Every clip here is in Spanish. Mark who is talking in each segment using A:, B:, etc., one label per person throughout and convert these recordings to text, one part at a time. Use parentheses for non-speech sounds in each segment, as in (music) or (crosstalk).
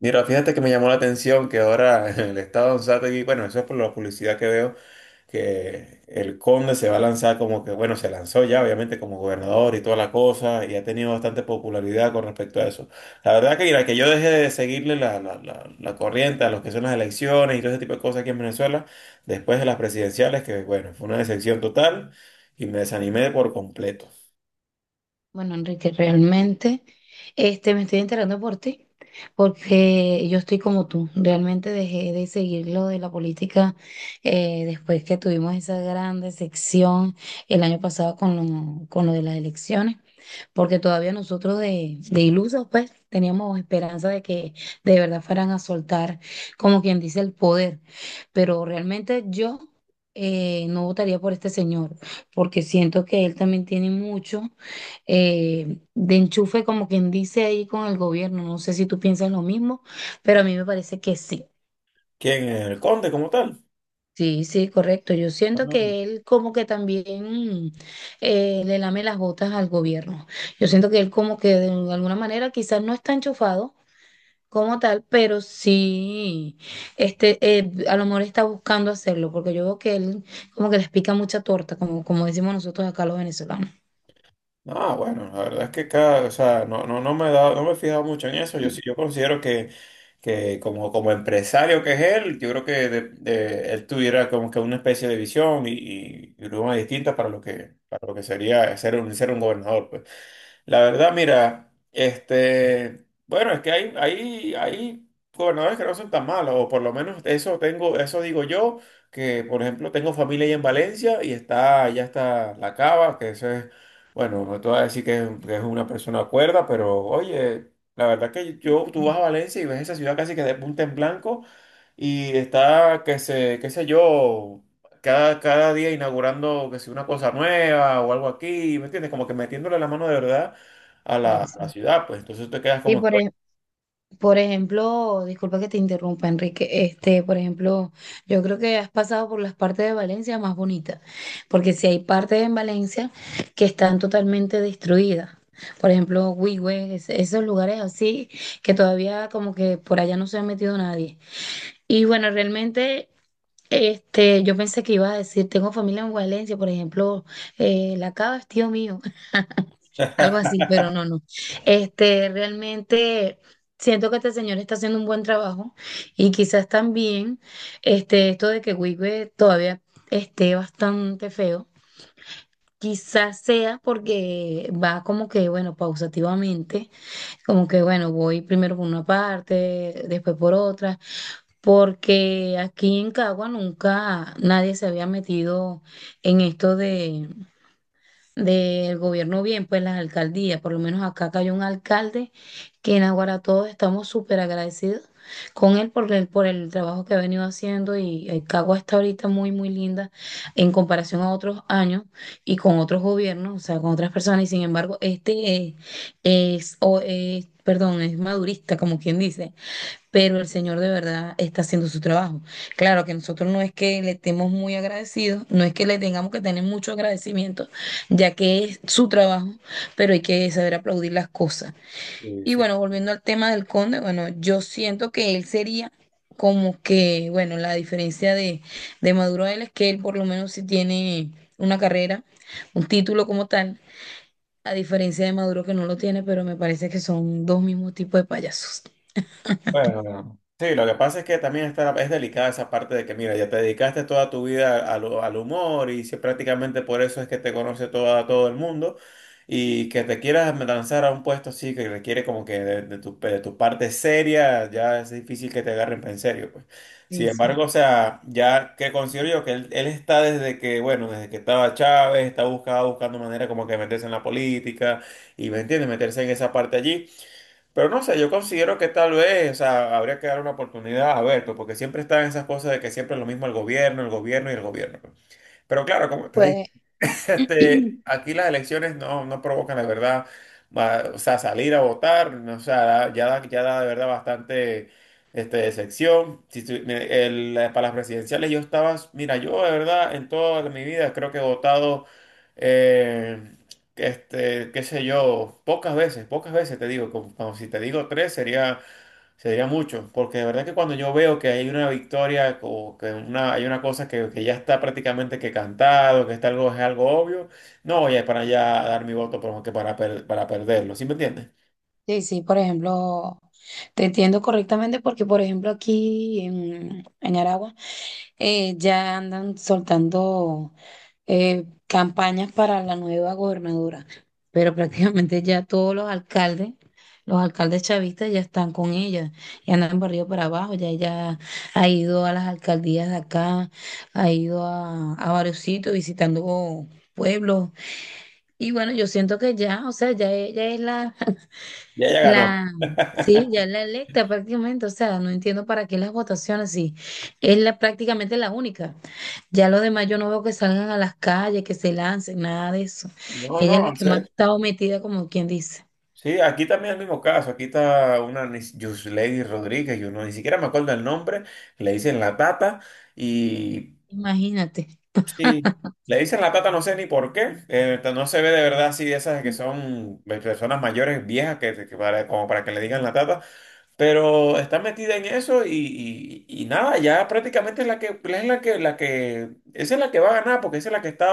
A: Mira, fíjate que me llamó la atención que ahora (laughs) el estado de Anzoátegui, bueno, eso es por la publicidad que veo, que el Conde se va a lanzar como que, bueno, se lanzó ya, obviamente, como gobernador y toda la cosa, y ha tenido bastante popularidad con respecto a eso. La verdad que, mira, que yo dejé de seguirle la corriente a los que son las elecciones y todo ese tipo de cosas aquí en Venezuela, después de las presidenciales, que, bueno, fue una decepción total y me desanimé por completo.
B: Bueno, Enrique, realmente me estoy enterando por ti, porque yo estoy como tú. Realmente dejé de seguir lo de la política después que tuvimos esa gran decepción el año pasado con lo de las elecciones, porque todavía nosotros de ilusos, pues, teníamos esperanza de que de verdad fueran a soltar, como quien dice, el poder. Pero realmente yo no votaría por este señor, porque siento que él también tiene mucho de enchufe, como quien dice ahí con el gobierno. No sé si tú piensas lo mismo, pero a mí me parece que sí.
A: ¿Quién? ¿El Conde como tal?
B: Sí, sí, correcto. Yo siento que él como que también le lame las botas al gobierno. Yo siento que él como que de alguna manera quizás no está enchufado como tal, pero sí, a lo mejor está buscando hacerlo, porque yo veo que él como que les pica mucha torta, como, como decimos nosotros acá los venezolanos.
A: Ah, bueno, la verdad es que cada, o sea, no, no, no me he dado, no me he fijado mucho en eso. Yo
B: Mm.
A: sí, yo considero que, como empresario que es él, yo creo que él tuviera como que una especie de visión y una distinta para lo que sería ser un, gobernador, pues. La verdad, mira, bueno, es que hay gobernadores que no son tan malos, o por lo menos eso tengo, eso digo yo, que por ejemplo tengo familia ahí en Valencia y está, ya está La Cava, que eso es, bueno, no te voy a decir que es una persona cuerda, pero oye, la verdad que yo, tú vas a Valencia y ves esa ciudad casi que de punta en blanco y está, que se, qué sé yo. Cada día inaugurando que si una cosa nueva o algo aquí, ¿me entiendes? Como que metiéndole la mano de verdad a la,
B: Sí,
A: a la
B: sí.
A: ciudad, pues entonces te quedas
B: Y
A: como
B: por,
A: que,
B: ej- Por ejemplo, disculpa que te interrumpa, Enrique. Este, por ejemplo, yo creo que has pasado por las partes de Valencia más bonitas, porque si hay partes en Valencia que están totalmente destruidas. Por ejemplo, Huigüe, esos lugares así que todavía como que por allá no se ha metido nadie. Y bueno, realmente yo pensé que ibas a decir, tengo familia en Valencia, por ejemplo, La Cava es tío mío algo así, pero no, no. Este, realmente siento que este señor está haciendo un buen trabajo y quizás también este, esto de que Wigwe todavía esté bastante feo. Quizás sea porque va como que, bueno, pausativamente, como que, bueno, voy primero por una parte, después por otra, porque aquí en Cagua nunca nadie se había metido en esto del gobierno bien, pues las alcaldías, por lo menos acá cayó un alcalde que en Aguara todos estamos súper agradecidos con él por el trabajo que ha venido haciendo y Cagua está ahorita muy, muy linda en comparación a otros años y con otros gobiernos, o sea, con otras personas y sin embargo, perdón, es madurista, como quien dice, pero el Señor de verdad está haciendo su trabajo. Claro que nosotros no es que le estemos muy agradecidos, no es que le tengamos que tener mucho agradecimiento, ya que es su trabajo, pero hay que saber aplaudir las cosas.
A: oye,
B: Y
A: sí.
B: bueno, volviendo al tema del conde, bueno, yo siento que él sería como que, bueno, la diferencia de Maduro a él es que él por lo menos sí tiene una carrera, un título como tal, a diferencia de Maduro que no lo tiene, pero me parece que son dos mismos tipos de payasos.
A: Bueno, bueno, sí, lo que pasa es que también está, es delicada esa parte de que, mira, ya te dedicaste toda tu vida al humor y si prácticamente por eso es que te conoce toda, todo el mundo y que te quieras lanzar a un puesto así que requiere como que de tu parte seria, ya es difícil que te agarren en serio, pues. Sin
B: Sí, sí.
A: embargo, o sea, ya que considero yo que él está desde que, bueno, desde que estaba Chávez, está buscando manera como que meterse en la política y, ¿me entiendes? Meterse en esa parte allí. Pero no sé, yo considero que tal vez, o sea, habría que dar una oportunidad a ver, pues, porque siempre están esas cosas de que siempre es lo mismo el gobierno y el gobierno, pues. Pero claro,
B: Pues
A: aquí las elecciones no, no provocan, la verdad, o sea, salir a votar, no, o sea, ya da de verdad bastante decepción. Si para las presidenciales yo estaba, mira, yo de verdad en toda mi vida creo que he votado, eh, qué sé yo, pocas veces te digo, como si te digo tres sería mucho, porque de verdad que cuando yo veo que hay una victoria o que hay una cosa que ya está prácticamente que cantado, que está algo, es algo obvio, no voy a para allá a dar mi voto pero que para perderlo, ¿sí me entiendes?
B: sí, sí, por ejemplo, te entiendo correctamente porque, por ejemplo, aquí en Aragua ya andan soltando campañas para la nueva gobernadora, pero (laughs) prácticamente ya todos los alcaldes chavistas ya están con ella, ya andan por arriba y para abajo, ya ella ha ido a las alcaldías de acá, ha ido a varios sitios visitando pueblos. Y bueno, yo siento que ya, o sea, ya ella es la (laughs)
A: Ya ganó.
B: La, sí, ya es la electa prácticamente, o sea, no entiendo para qué las votaciones, sí, es la, prácticamente la única. Ya los demás yo no veo que salgan a las calles, que se lancen, nada de eso.
A: No,
B: Ella
A: no,
B: es la
A: en
B: que más ha
A: serio.
B: estado metida, como quien dice.
A: Sí, aquí también es el mismo caso, aquí está una Yuslady Rodríguez, yo no, ni siquiera me acuerdo el nombre, le dicen la tata y,
B: Imagínate.
A: sí, le dicen la tata, no sé ni por qué. No se ve de verdad así de esas que son personas mayores, viejas, como para que le digan la tata. Pero está metida en eso y nada, ya prácticamente es la que, esa es la que va a ganar, porque esa es la que está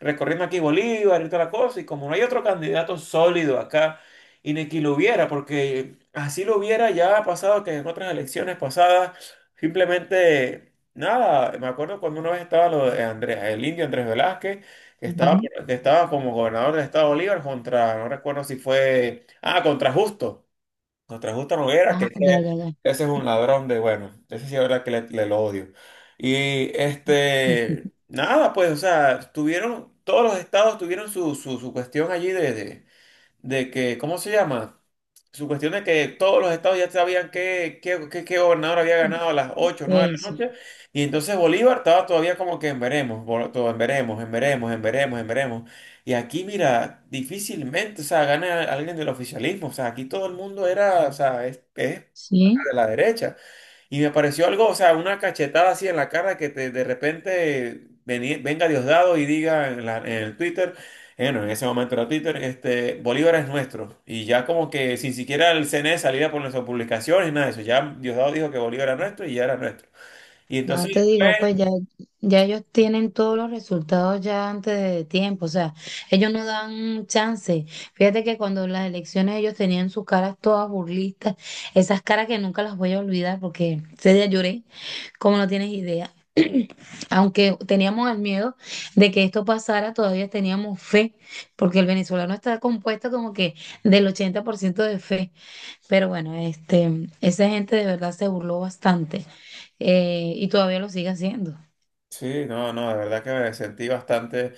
A: recorriendo aquí Bolívar y toda la cosa. Y como no hay otro candidato sólido acá, y ni que lo hubiera, porque así lo hubiera ya ha pasado que en otras elecciones pasadas, simplemente nada, me acuerdo cuando una vez estaba lo de Andrés, el indio Andrés Velázquez, que
B: Ajá,
A: estaba, que estaba como gobernador del estado de Bolívar contra, no recuerdo si fue, ah, contra Justo. Nos trajo esta hoguera,
B: ajá, ya, ya,
A: ese es un ladrón de, bueno, ese sí es verdad que le lo odio. Y
B: ya.
A: nada, pues, o sea, todos los estados tuvieron su cuestión allí de que, ¿cómo se llama? Su cuestión de que todos los estados ya sabían qué gobernador había ganado
B: (laughs)
A: a las 8 o 9 de la
B: Eso,
A: noche, y entonces Bolívar estaba todavía como que en veremos, todo en veremos, en veremos, en veremos, en veremos. Y aquí, mira, difícilmente, o sea, gana alguien del oficialismo, o sea, aquí todo el mundo era, o sea, es de
B: sí.
A: la derecha. Y me pareció algo, o sea, una cachetada así en la cara de repente venga Diosdado y diga en el Twitter, bueno, en ese momento era Twitter, Bolívar es nuestro. Y ya como que sin siquiera el CNE saliera por nuestras publicaciones, nada de eso. Ya Diosdado dijo que Bolívar era nuestro y ya era nuestro. Y
B: No
A: entonces,
B: te digo, pues ya, ya ellos tienen todos los resultados ya antes de tiempo, o sea, ellos no dan chance. Fíjate que cuando las elecciones ellos tenían sus caras todas burlistas, esas caras que nunca las voy a olvidar porque ese día lloré, como no tienes idea. Aunque teníamos el miedo de que esto pasara, todavía teníamos fe, porque el venezolano está compuesto como que del 80% de fe. Pero bueno, este, esa gente de verdad se burló bastante y todavía lo sigue haciendo.
A: sí, no, no, de verdad que me sentí bastante,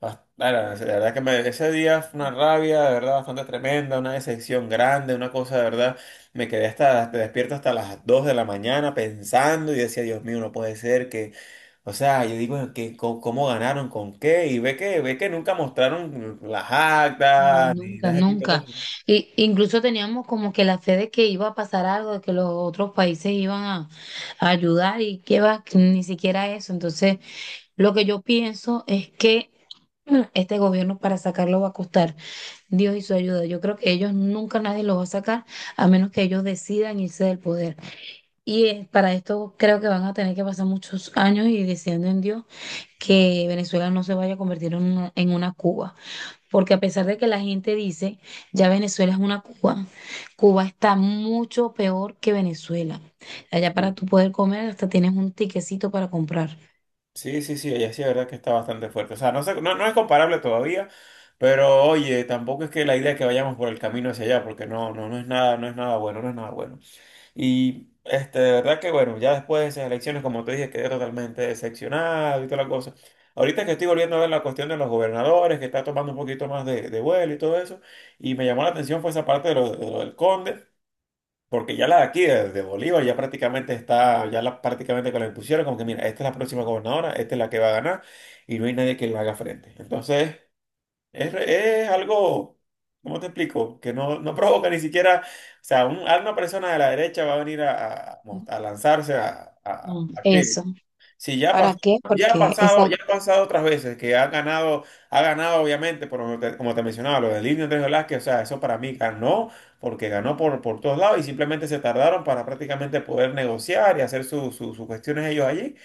A: bueno, de verdad que ese día fue una rabia, de verdad, bastante tremenda, una decepción grande, una cosa de verdad, me quedé hasta, te despierto hasta las 2 de la mañana pensando y decía, Dios mío, no puede ser que, o sea, yo digo, ¿cómo ganaron? ¿Con qué? Y ve que, nunca mostraron las
B: No,
A: actas ni
B: nunca,
A: nada de ese tipo de
B: nunca.
A: cosas.
B: Y, incluso teníamos como que la fe de que iba a pasar algo, de que los otros países iban a ayudar y que va, que ni siquiera eso. Entonces, lo que yo pienso es que este gobierno para sacarlo va a costar Dios y su ayuda. Yo creo que ellos nunca nadie lo va a sacar a menos que ellos decidan irse del poder. Y para esto creo que van a tener que pasar muchos años y deseando en Dios que Venezuela no se vaya a convertir en una Cuba. Porque a pesar de que la gente dice, ya Venezuela es una Cuba, Cuba está mucho peor que Venezuela. Allá para tú poder comer hasta tienes un tiquecito para comprar.
A: Sí, sí, sí, ella sí, la verdad que está bastante fuerte. O sea, no, no, no es comparable todavía, pero oye, tampoco es que la idea es que vayamos por el camino hacia allá, porque no, no, no es nada, no es nada bueno, no es nada bueno. Y de verdad que bueno, ya después de esas elecciones, como te dije, quedé totalmente decepcionado y toda la cosa. Ahorita que estoy volviendo a ver la cuestión de los gobernadores, que está tomando un poquito más de vuelo y todo eso, y me llamó la atención fue esa parte de lo del Conde. Porque ya la de aquí, de Bolívar, ya prácticamente está, prácticamente que la impusieron, como que mira, esta es la próxima gobernadora, esta es la que va a ganar, y no hay nadie que le haga frente. Entonces, es algo, ¿cómo te explico? Que no, no provoca ni siquiera, o sea, alguna persona de la derecha va a venir a lanzarse a, a,
B: Mm,
A: a
B: eso.
A: qué. Sí, ya ha
B: ¿Para
A: pasado,
B: qué? Porque exacto.
A: otras veces que ha ganado obviamente, por como te mencionaba, lo del Indio Andrés Velázquez, o sea, eso para mí ganó, porque ganó por todos lados y simplemente se tardaron para prácticamente poder negociar y hacer sus cuestiones ellos allí.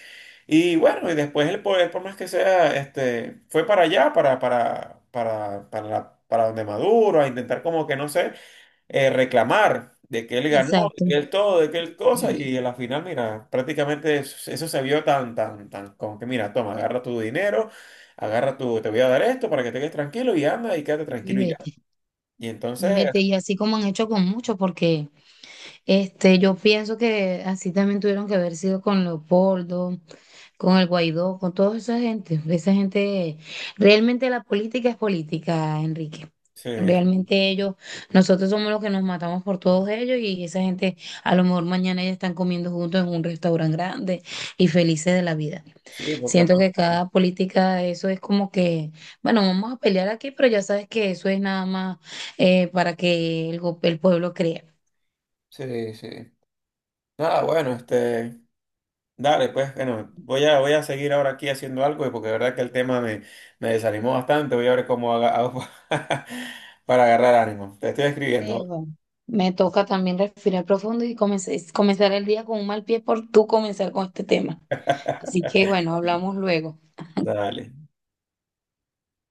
A: Y bueno, y después el poder, por más que sea, fue para allá, para donde Maduro, a intentar como que no sé reclamar de que él ganó, de
B: Exacto.
A: que él todo, de que él cosa, y en la final, mira, prácticamente eso se vio tan, tan, tan, como que mira, toma, agarra tu dinero, te voy a dar esto para que te quedes tranquilo y anda y quédate
B: Y
A: tranquilo y ya.
B: vete,
A: Y
B: y
A: entonces,
B: vete. Y así como han hecho con muchos, porque... Este, yo pienso que así también tuvieron que haber sido con Leopoldo, con el Guaidó, con toda esa gente. Esa gente, realmente la política es política, Enrique.
A: sí,
B: Realmente ellos, nosotros somos los que nos matamos por todos ellos y esa gente a lo mejor mañana ya están comiendo juntos en un restaurante grande y felices de la vida.
A: sí, lo que ha
B: Siento que
A: pasado.
B: cada política, eso es como que, bueno, vamos a pelear aquí, pero ya sabes que eso es nada más para que el pueblo crea.
A: Sí, sí. Nada, bueno, dale, pues, bueno, voy a seguir ahora aquí haciendo algo, porque de verdad que el tema me desanimó bastante, voy a ver cómo hago (laughs) para agarrar ánimo. Te estoy escribiendo,
B: Leo, me toca también respirar profundo y comenzar el día con un mal pie por tú comenzar con este tema. Así que bueno, hablamos luego.
A: ¿vale? Dale.